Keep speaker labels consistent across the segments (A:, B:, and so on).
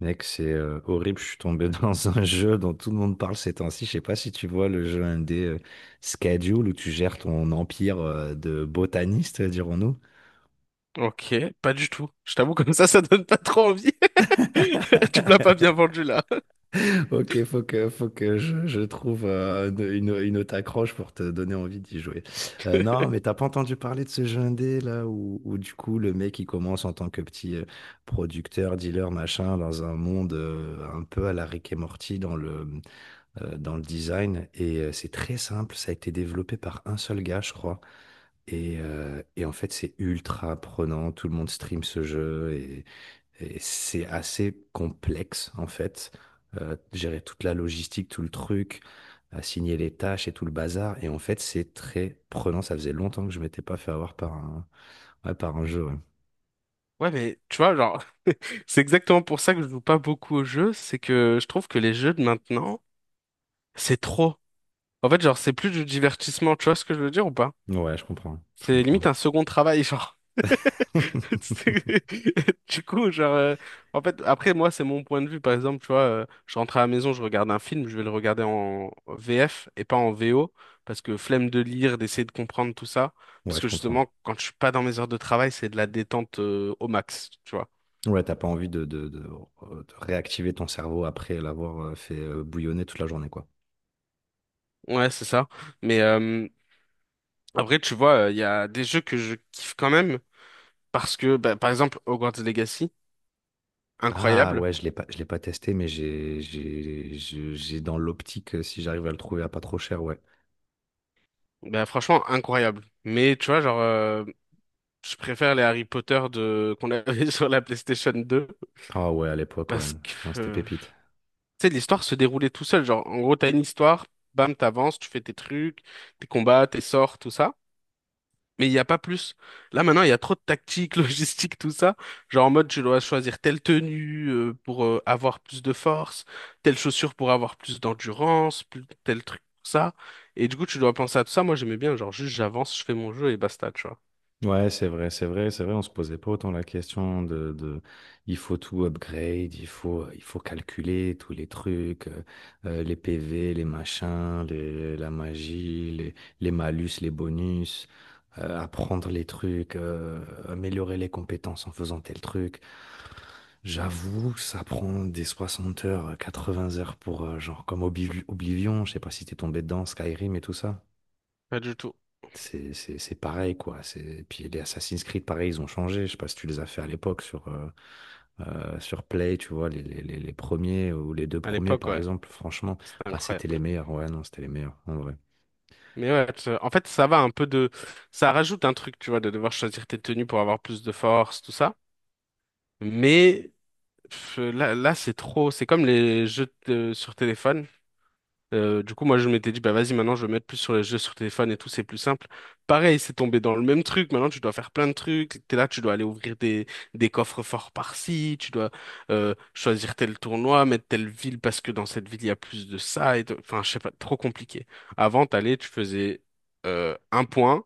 A: Mec, c'est horrible. Je suis tombé dans un jeu dont tout le monde parle ces temps-ci. Je sais pas si tu vois le jeu indé Schedule où tu gères ton empire de botaniste, dirons-nous.
B: Ok, pas du tout. Je t'avoue, comme ça donne pas trop envie. Tu me l'as pas bien vendu là.
A: Ok, faut que je trouve une autre accroche pour te donner envie d'y jouer. Non, mais t'as pas entendu parler de ce jeu indé où du coup le mec il commence en tant que petit producteur, dealer, machin, dans un monde un peu à la Rick et Morty dans le design. Et c'est très simple, ça a été développé par un seul gars, je crois. Et en fait, c'est ultra prenant, tout le monde stream ce jeu, et c'est assez complexe en fait. Gérer toute la logistique, tout le truc, assigner les tâches et tout le bazar. Et en fait, c'est très prenant. Ça faisait longtemps que je m'étais pas fait avoir par ouais, par un jeu. Ouais,
B: Ouais, mais tu vois, genre, c'est exactement pour ça que je joue pas beaucoup aux jeux, c'est que je trouve que les jeux de maintenant, c'est trop. En fait, genre, c'est plus du divertissement, tu vois ce que je veux dire ou pas?
A: ouais, je comprends, je
B: C'est
A: comprends.
B: limite un second travail, genre. C'est- Du coup, genre, euh, en fait, après, moi, c'est mon point de vue. Par exemple, tu vois, je rentre à la maison, je regarde un film, je vais le regarder en VF et pas en VO, parce que flemme de lire, d'essayer de comprendre tout ça.
A: Ouais,
B: Parce
A: je
B: que
A: comprends.
B: justement, quand je suis pas dans mes heures de travail, c'est de la détente, au max, tu vois.
A: Ouais, t'as pas envie de réactiver ton cerveau après l'avoir fait bouillonner toute la journée, quoi.
B: Ouais, c'est ça. Mais euh, après, tu vois, il y a des jeux que je kiffe quand même, parce que, bah, par exemple, Hogwarts Legacy,
A: Ah
B: incroyable.
A: ouais, je l'ai pas testé, mais j'ai dans l'optique, si j'arrive à le trouver à pas trop cher, ouais.
B: Bah, franchement, incroyable. Mais tu vois, je préfère les Harry Potter de qu'on avait sur la PlayStation deux
A: Ah ouais, à l'époque, ouais.
B: parce
A: Non,
B: que,
A: c'était
B: euh,
A: pépite.
B: tu sais, l'histoire se déroulait tout seul. Genre, en gros, t'as une histoire, bam, t'avances, tu fais tes trucs, tes combats, tes sorts, tout ça. Mais il n'y a pas plus. Là, maintenant, il y a trop de tactique, logistique, tout ça. Genre, en mode, tu dois choisir telle tenue pour avoir plus de force, telle chaussure pour avoir plus d'endurance, plus tel truc, pour ça. Et du coup, tu dois penser à tout ça. Moi, j'aimais bien, genre, juste j'avance, je fais mon jeu et basta, tu vois.
A: Ouais, c'est vrai, c'est vrai, c'est vrai, on se posait pas autant la question de il faut tout upgrade, il faut calculer tous les trucs, les PV, les machins, la magie, les malus, les bonus, apprendre les trucs, améliorer les compétences en faisant tel truc. J'avoue, ça prend des 60 heures, 80 heures pour, genre, comme Oblivion, je sais pas si t'es tombé dedans, Skyrim et tout ça.
B: Pas du tout.
A: C'est pareil, quoi. C'est... Puis les Assassin's Creed, pareil, ils ont changé. Je sais pas si tu les as fait à l'époque sur Play, tu vois, les premiers ou les deux
B: À
A: premiers,
B: l'époque,
A: par
B: ouais.
A: exemple. Franchement,
B: C'était
A: ah, c'était
B: incroyable.
A: les meilleurs. Ouais, non, c'était les meilleurs, en vrai.
B: Mais ouais, tu- en fait, ça va un peu de… Ça rajoute un truc, tu vois, de devoir choisir tes tenues pour avoir plus de force, tout ça. Mais pff, là c'est trop… C'est comme les jeux de- sur téléphone. Du coup, moi, je m'étais dit, bah vas-y, maintenant, je vais mettre plus sur les jeux sur téléphone et tout, c'est plus simple. Pareil, c'est tombé dans le même truc. Maintenant, tu dois faire plein de trucs. T'es là, tu dois aller ouvrir des coffres forts par-ci, tu dois choisir tel tournoi, mettre telle ville parce que dans cette ville, il y a plus de ça. Et de- Enfin, je sais pas, trop compliqué. Avant, t'allais, tu faisais un point,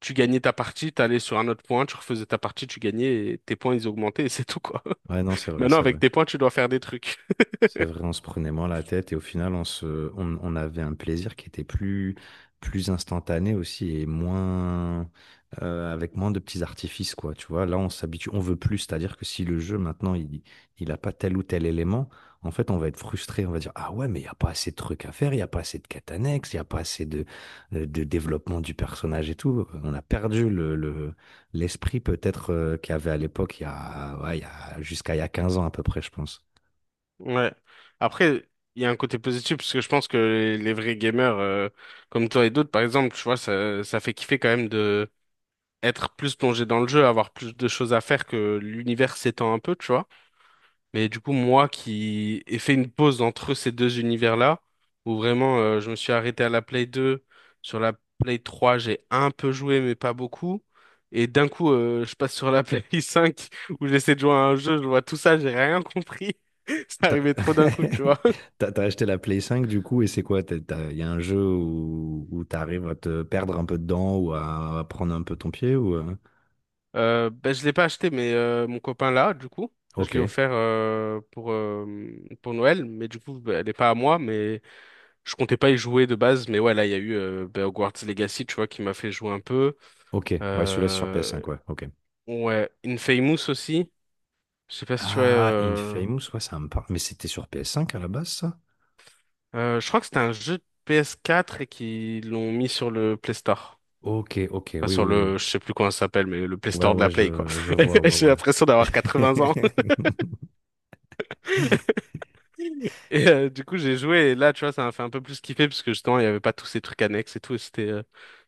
B: tu gagnais ta partie, t'allais sur un autre point, tu refaisais ta partie, tu gagnais, et tes points, ils augmentaient, et c'est tout, quoi.
A: Ouais, non, c'est vrai,
B: Maintenant,
A: c'est
B: avec
A: vrai.
B: tes points, tu dois faire des trucs.
A: C'est vrai, on se prenait moins la tête et au final, on avait un plaisir qui était plus instantané aussi et avec moins de petits artifices, quoi. Tu vois, là, on s'habitue, on veut plus. C'est-à-dire que si le jeu, maintenant, il a pas tel ou tel élément, en fait, on va être frustré. On va dire, ah ouais, mais il n'y a pas assez de trucs à faire, il n'y a pas assez de quêtes annexes, il n'y a pas assez de développement du personnage et tout. On a perdu l'esprit peut-être, qu'il y avait à l'époque, il y a, jusqu'à il y a 15 ans à peu près, je pense.
B: Ouais. Après, il y a un côté positif parce que je pense que les vrais gamers, comme toi et d'autres, par exemple, tu vois, ça fait kiffer quand même de être plus plongé dans le jeu, avoir plus de choses à faire que l'univers s'étend un peu, tu vois. Mais du coup, moi qui ai fait une pause entre ces deux univers-là, où vraiment je me suis arrêté à la Play 2, sur la Play 3, j'ai un peu joué, mais pas beaucoup. Et d'un coup, je passe sur la Play 5, où j'essaie de jouer à un jeu, je vois tout ça, j'ai rien compris. Ça
A: T'as
B: arrivait trop d'un coup, tu vois.
A: t'as acheté la Play 5 du coup, et c'est quoi? Il y a un jeu où t'arrives à te perdre un peu dedans ou à prendre un peu ton pied ou...
B: Ben, je l'ai pas acheté, mais mon copain l'a, du coup. Je
A: Ok,
B: l'ai offert pour Noël, mais du coup, ben, elle est pas à moi, mais je comptais pas y jouer de base. Mais ouais, là, il y a eu ben, Hogwarts Legacy, tu vois, qui m'a fait jouer un peu.
A: ok. Ouais, celui-là c'est sur
B: Euh,
A: PS5, ouais, ok.
B: ouais, Infamous aussi. Je sais pas si tu vois…
A: Ah, Infamous, ouais, ça me parle. Mais c'était sur PS5 à la base, ça?
B: Je crois que c'était un jeu de PS4 et qu'ils l'ont mis sur le Play Store.
A: Ok, ok,
B: Enfin,
A: oui,
B: sur
A: oui,
B: le,
A: oui.
B: je sais plus comment ça s'appelle, mais le Play
A: Ouais,
B: Store de
A: ouais,
B: la Play, quoi.
A: je vois,
B: J'ai
A: ouais,
B: l'impression d'avoir
A: ouais.
B: 80 ans. Du coup, j'ai joué et là, tu vois, ça m'a fait un peu plus kiffer parce que justement, il n'y avait pas tous ces trucs annexes et tout. Et c'était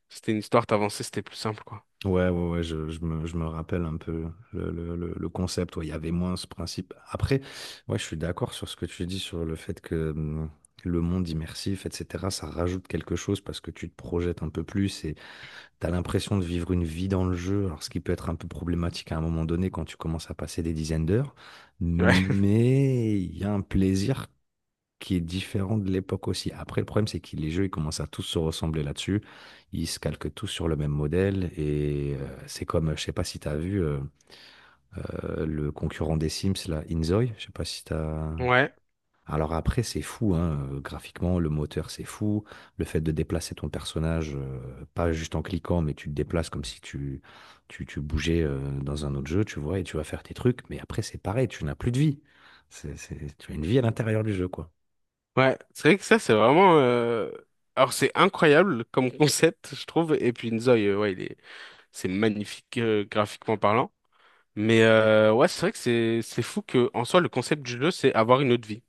B: c'était une histoire, t'avançais, c'était plus simple, quoi.
A: Ouais, ouais, ouais, je me rappelle un peu le concept. Ouais, il y avait moins ce principe. Après, ouais, je suis d'accord sur ce que tu dis sur le fait que le monde immersif, etc., ça rajoute quelque chose parce que tu te projettes un peu plus et tu as l'impression de vivre une vie dans le jeu. Alors, ce qui peut être un peu problématique à un moment donné quand tu commences à passer des dizaines d'heures,
B: Ouais.
A: mais il y a un plaisir qui est différent de l'époque aussi. Après, le problème, c'est que les jeux, ils commencent à tous se ressembler là-dessus. Ils se calquent tous sur le même modèle. Et c'est comme, je sais pas si tu as vu le concurrent des Sims, là, Inzoi. Je sais pas si tu as...
B: Ouais.
A: Alors après, c'est fou, hein, graphiquement, le moteur, c'est fou. Le fait de déplacer ton personnage, pas juste en cliquant, mais tu te déplaces comme si tu, tu, tu bougeais dans un autre jeu, tu vois, et tu vas faire tes trucs. Mais après, c'est pareil, tu n'as plus de vie. Tu as une vie à l'intérieur du jeu, quoi.
B: Ouais. C'est vrai que ça, c'est vraiment. Alors, c'est incroyable comme concept, je trouve. Et puis, Nzoï, ouais, il est… c'est magnifique graphiquement parlant. Ouais, c'est vrai que c'est fou que en soi, le concept du jeu, c'est avoir une autre vie.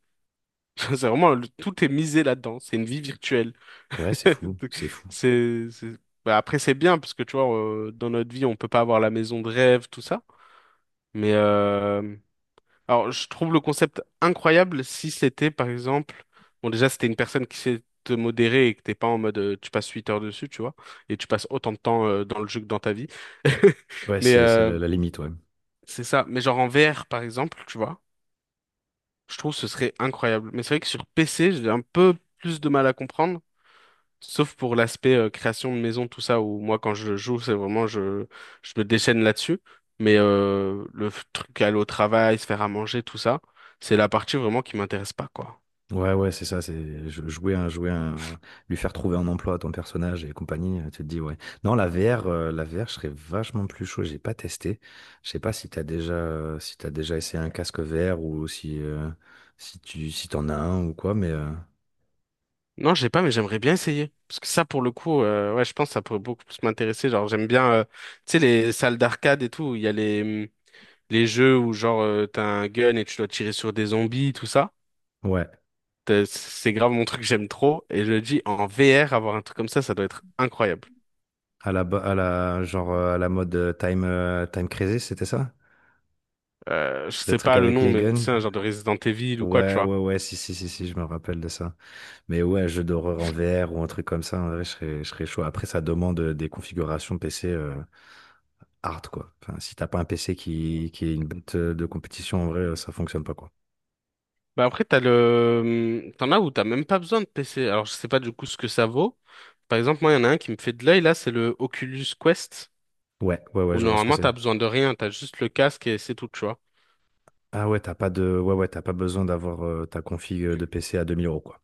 B: C'est vraiment. Le- Tout est misé là-dedans. C'est une vie virtuelle.
A: Ouais, c'est fou, c'est fou.
B: C'est- bah, après, c'est bien parce que tu vois, dans notre vie, on peut pas avoir la maison de rêve, tout ça. Mais euh, alors, je trouve le concept incroyable si c'était, par exemple, bon, déjà, c'était une personne qui sait te modérer et que t'es pas en mode, tu passes 8 heures dessus, tu vois, et tu passes autant de temps dans le jeu que dans ta vie.
A: Ouais,
B: Mais
A: c'est
B: euh,
A: la, la limite, ouais.
B: c'est ça. Mais genre en VR, par exemple, tu vois, je trouve que ce serait incroyable. Mais c'est vrai que sur PC, j'ai un peu plus de mal à comprendre. Sauf pour l'aspect création de maison, tout ça, où moi, quand je joue, c'est vraiment, je me déchaîne là-dessus. Le f- truc, aller au travail, se faire à manger, tout ça, c'est la partie vraiment qui m'intéresse pas, quoi.
A: Ouais, ouais, c'est ça, c'est jou- jouer un, lui faire trouver un emploi à ton personnage et compagnie, tu te dis, ouais. Non, la VR, je serais vachement plus chaud, j'ai pas testé. Je sais pas si t'as si t'as déjà essayé un casque VR ou si t'en as un ou quoi, mais,
B: Non, j'ai pas, mais j'aimerais bien essayer. Parce que ça, pour le coup, ouais, je pense que ça pourrait beaucoup plus m'intéresser. Genre, j'aime bien, tu sais, les salles d'arcade et tout, où il y a les jeux où, genre, t'as un gun et tu dois tirer sur des zombies, tout ça.
A: ouais.
B: T'as- C'est grave mon truc, j'aime trop. Et je le dis, en VR, avoir un truc comme ça doit être incroyable.
A: À la, à la mode Time Crisis, c'était ça?
B: Je
A: Le
B: sais
A: truc
B: pas le
A: avec
B: nom,
A: les
B: mais tu
A: guns?
B: sais, un genre de Resident Evil ou quoi, tu
A: Ouais,
B: vois.
A: ouais, ouais, si, si, si, si, je me rappelle de ça. Mais ouais, un jeu d'horreur en VR ou un truc comme ça, en vrai, je serais chaud. Après, ça demande des configurations PC hard, quoi. Enfin, si t'as pas un PC qui est une bête de compétition, en vrai, ça fonctionne pas, quoi.
B: Bah après, t'as le, hmm, t'en as où t'as même pas besoin de PC. Alors, je sais pas du coup ce que ça vaut. Par exemple, moi, il y en a un qui me fait de l'œil, là, c'est le Oculus Quest,
A: Ouais, ouais, ouais,
B: où
A: je vois ce que
B: normalement,
A: c'est.
B: t'as besoin de rien, t'as juste le casque et c'est tout, tu vois.
A: Ah ouais, t'as pas de, ouais, ouais, t'as pas besoin d'avoir ta config de PC à 2000 euros, quoi.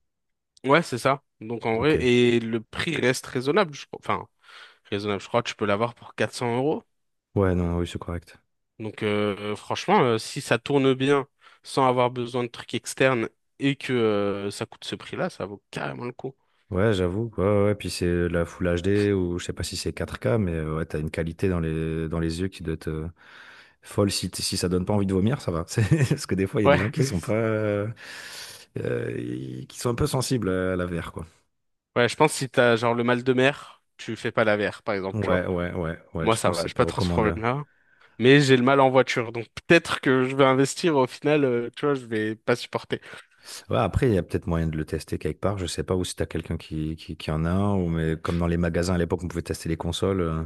B: Ouais, c'est ça. Donc, en vrai,
A: Ok.
B: et le prix reste raisonnable, je crois. Enfin, raisonnable, je crois que tu peux l'avoir pour 400 euros.
A: Ouais, non, oui, c'est correct.
B: Donc, franchement, si ça tourne bien, sans avoir besoin de trucs externes, et que ça coûte ce prix-là, ça vaut carrément le coup.
A: Ouais, j'avoue. Ouais, ouais, ouais. Puis c'est la Full HD ou je sais pas si c'est 4K, mais ouais, t'as une qualité dans dans les yeux qui doit être folle. Si ça donne pas envie de vomir, ça va. C'est- Parce que des fois, il y a des
B: Ouais.
A: gens qui sont pas, qui sont un peu sensibles à la VR, quoi.
B: Ouais, je pense que si t'as genre le mal de mer, tu fais pas la VR, par exemple, tu vois.
A: Ouais, ouais, ouais, ouais.
B: Moi,
A: Je
B: ça
A: pense que
B: va,
A: c'est
B: j'ai
A: pas
B: pas trop ce
A: recommandé.
B: problème-là. Mais j'ai le mal en voiture, donc peut-être que je vais investir, au final, tu vois, je vais pas supporter.
A: Ouais, après, il y a peut-être moyen de le tester quelque part. Je sais pas ou si t'as quelqu'un qui en a un, ou mais comme dans les magasins à l'époque, on pouvait tester les consoles.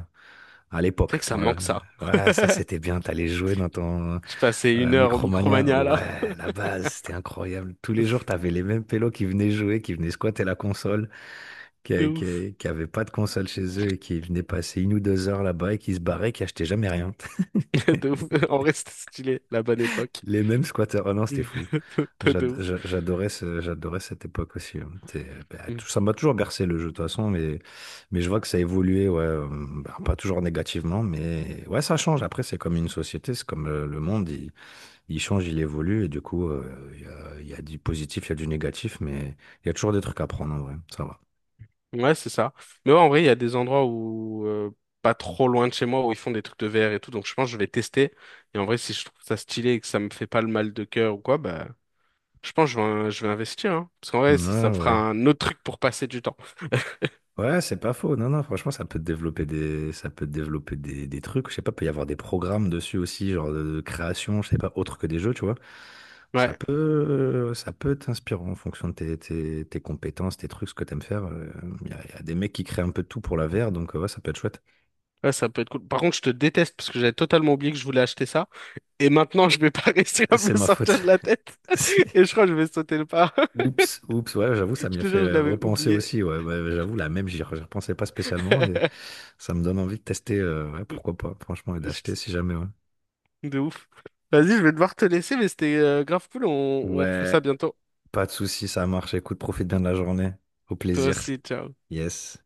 A: À
B: C'est vrai
A: l'époque,
B: que ça me
A: voilà.
B: manque ça.
A: Ouais, ça c'était bien. T'allais jouer dans ton,
B: Je passais
A: ouais,
B: une heure au
A: Micromania,
B: Micromania, là.
A: ouais, la base, c'était incroyable. Tous les jours, t'avais les mêmes pélos qui venaient jouer, qui venaient squatter la console,
B: De ouf.
A: qui avaient pas de console chez eux et qui venaient passer une ou deux heures là-bas et qui se barraient, qui achetaient jamais rien.
B: De ouf. En vrai, c'était stylé, la bonne époque.
A: Les mêmes squatteurs. Oh non, c'était fou.
B: De ouf.
A: J'adorais j'adorais cette époque aussi, hein. C'est- bah,
B: Mm.
A: tout- ça m'a toujours bercé le jeu de toute façon, mais je vois que ça a évolué, ouais, bah, pas toujours négativement, mais ouais, ça change. Après, c'est comme une société, c'est comme le monde. Il change, il évolue, et du coup, il y a du positif, il y a du négatif, mais il y a toujours des trucs à prendre en vrai, ça va.
B: Ouais, c'est ça. Mais ouais, en vrai, il y a des endroits où, pas trop loin de chez moi, où ils font des trucs de VR et tout, donc je pense que je vais tester. Et en vrai, si je trouve ça stylé et que ça me fait pas le mal de cœur ou quoi, bah. Je pense que je vais investir, hein. Parce qu'en
A: Ouais,
B: vrai, ça me fera
A: ouais.
B: un autre truc pour passer du temps.
A: Ouais, c'est pas faux. Non, non, franchement, ça peut te développer ça peut te développer des trucs. Je sais pas, peut y avoir des programmes dessus aussi, genre de création, je sais pas, autre que des jeux, tu vois.
B: Ouais,
A: Ça peut t'inspirer en fonction de tes compétences, tes trucs, ce que t'aimes faire. Il y a, il y a des mecs qui créent un peu de tout pour la VR, donc ouais, ça peut être chouette.
B: ouais, ça peut être cool. Par contre, je te déteste parce que j'avais totalement oublié que je voulais acheter ça. Et maintenant, je vais pas réussir à me
A: C'est
B: le
A: ma
B: sortir
A: faute.
B: de la tête. Et je crois que je vais sauter le pas.
A: Oups, oups, ouais, j'avoue,
B: Je
A: ça m'y a
B: te jure, je
A: fait
B: l'avais
A: repenser
B: oublié.
A: aussi. Ouais, ouais, ouais, j'avoue, la même, j'y repensais pas spécialement et ça me donne envie de tester, ouais, pourquoi pas, franchement, et d'acheter si jamais, ouais.
B: De ouf. Vas-y, je vais devoir te laisser, mais c'était grave cool. On refait
A: Ouais,
B: ça bientôt.
A: pas de souci, ça marche. Écoute, profite bien de la journée. Au
B: Toi
A: plaisir.
B: aussi, ciao.
A: Yes.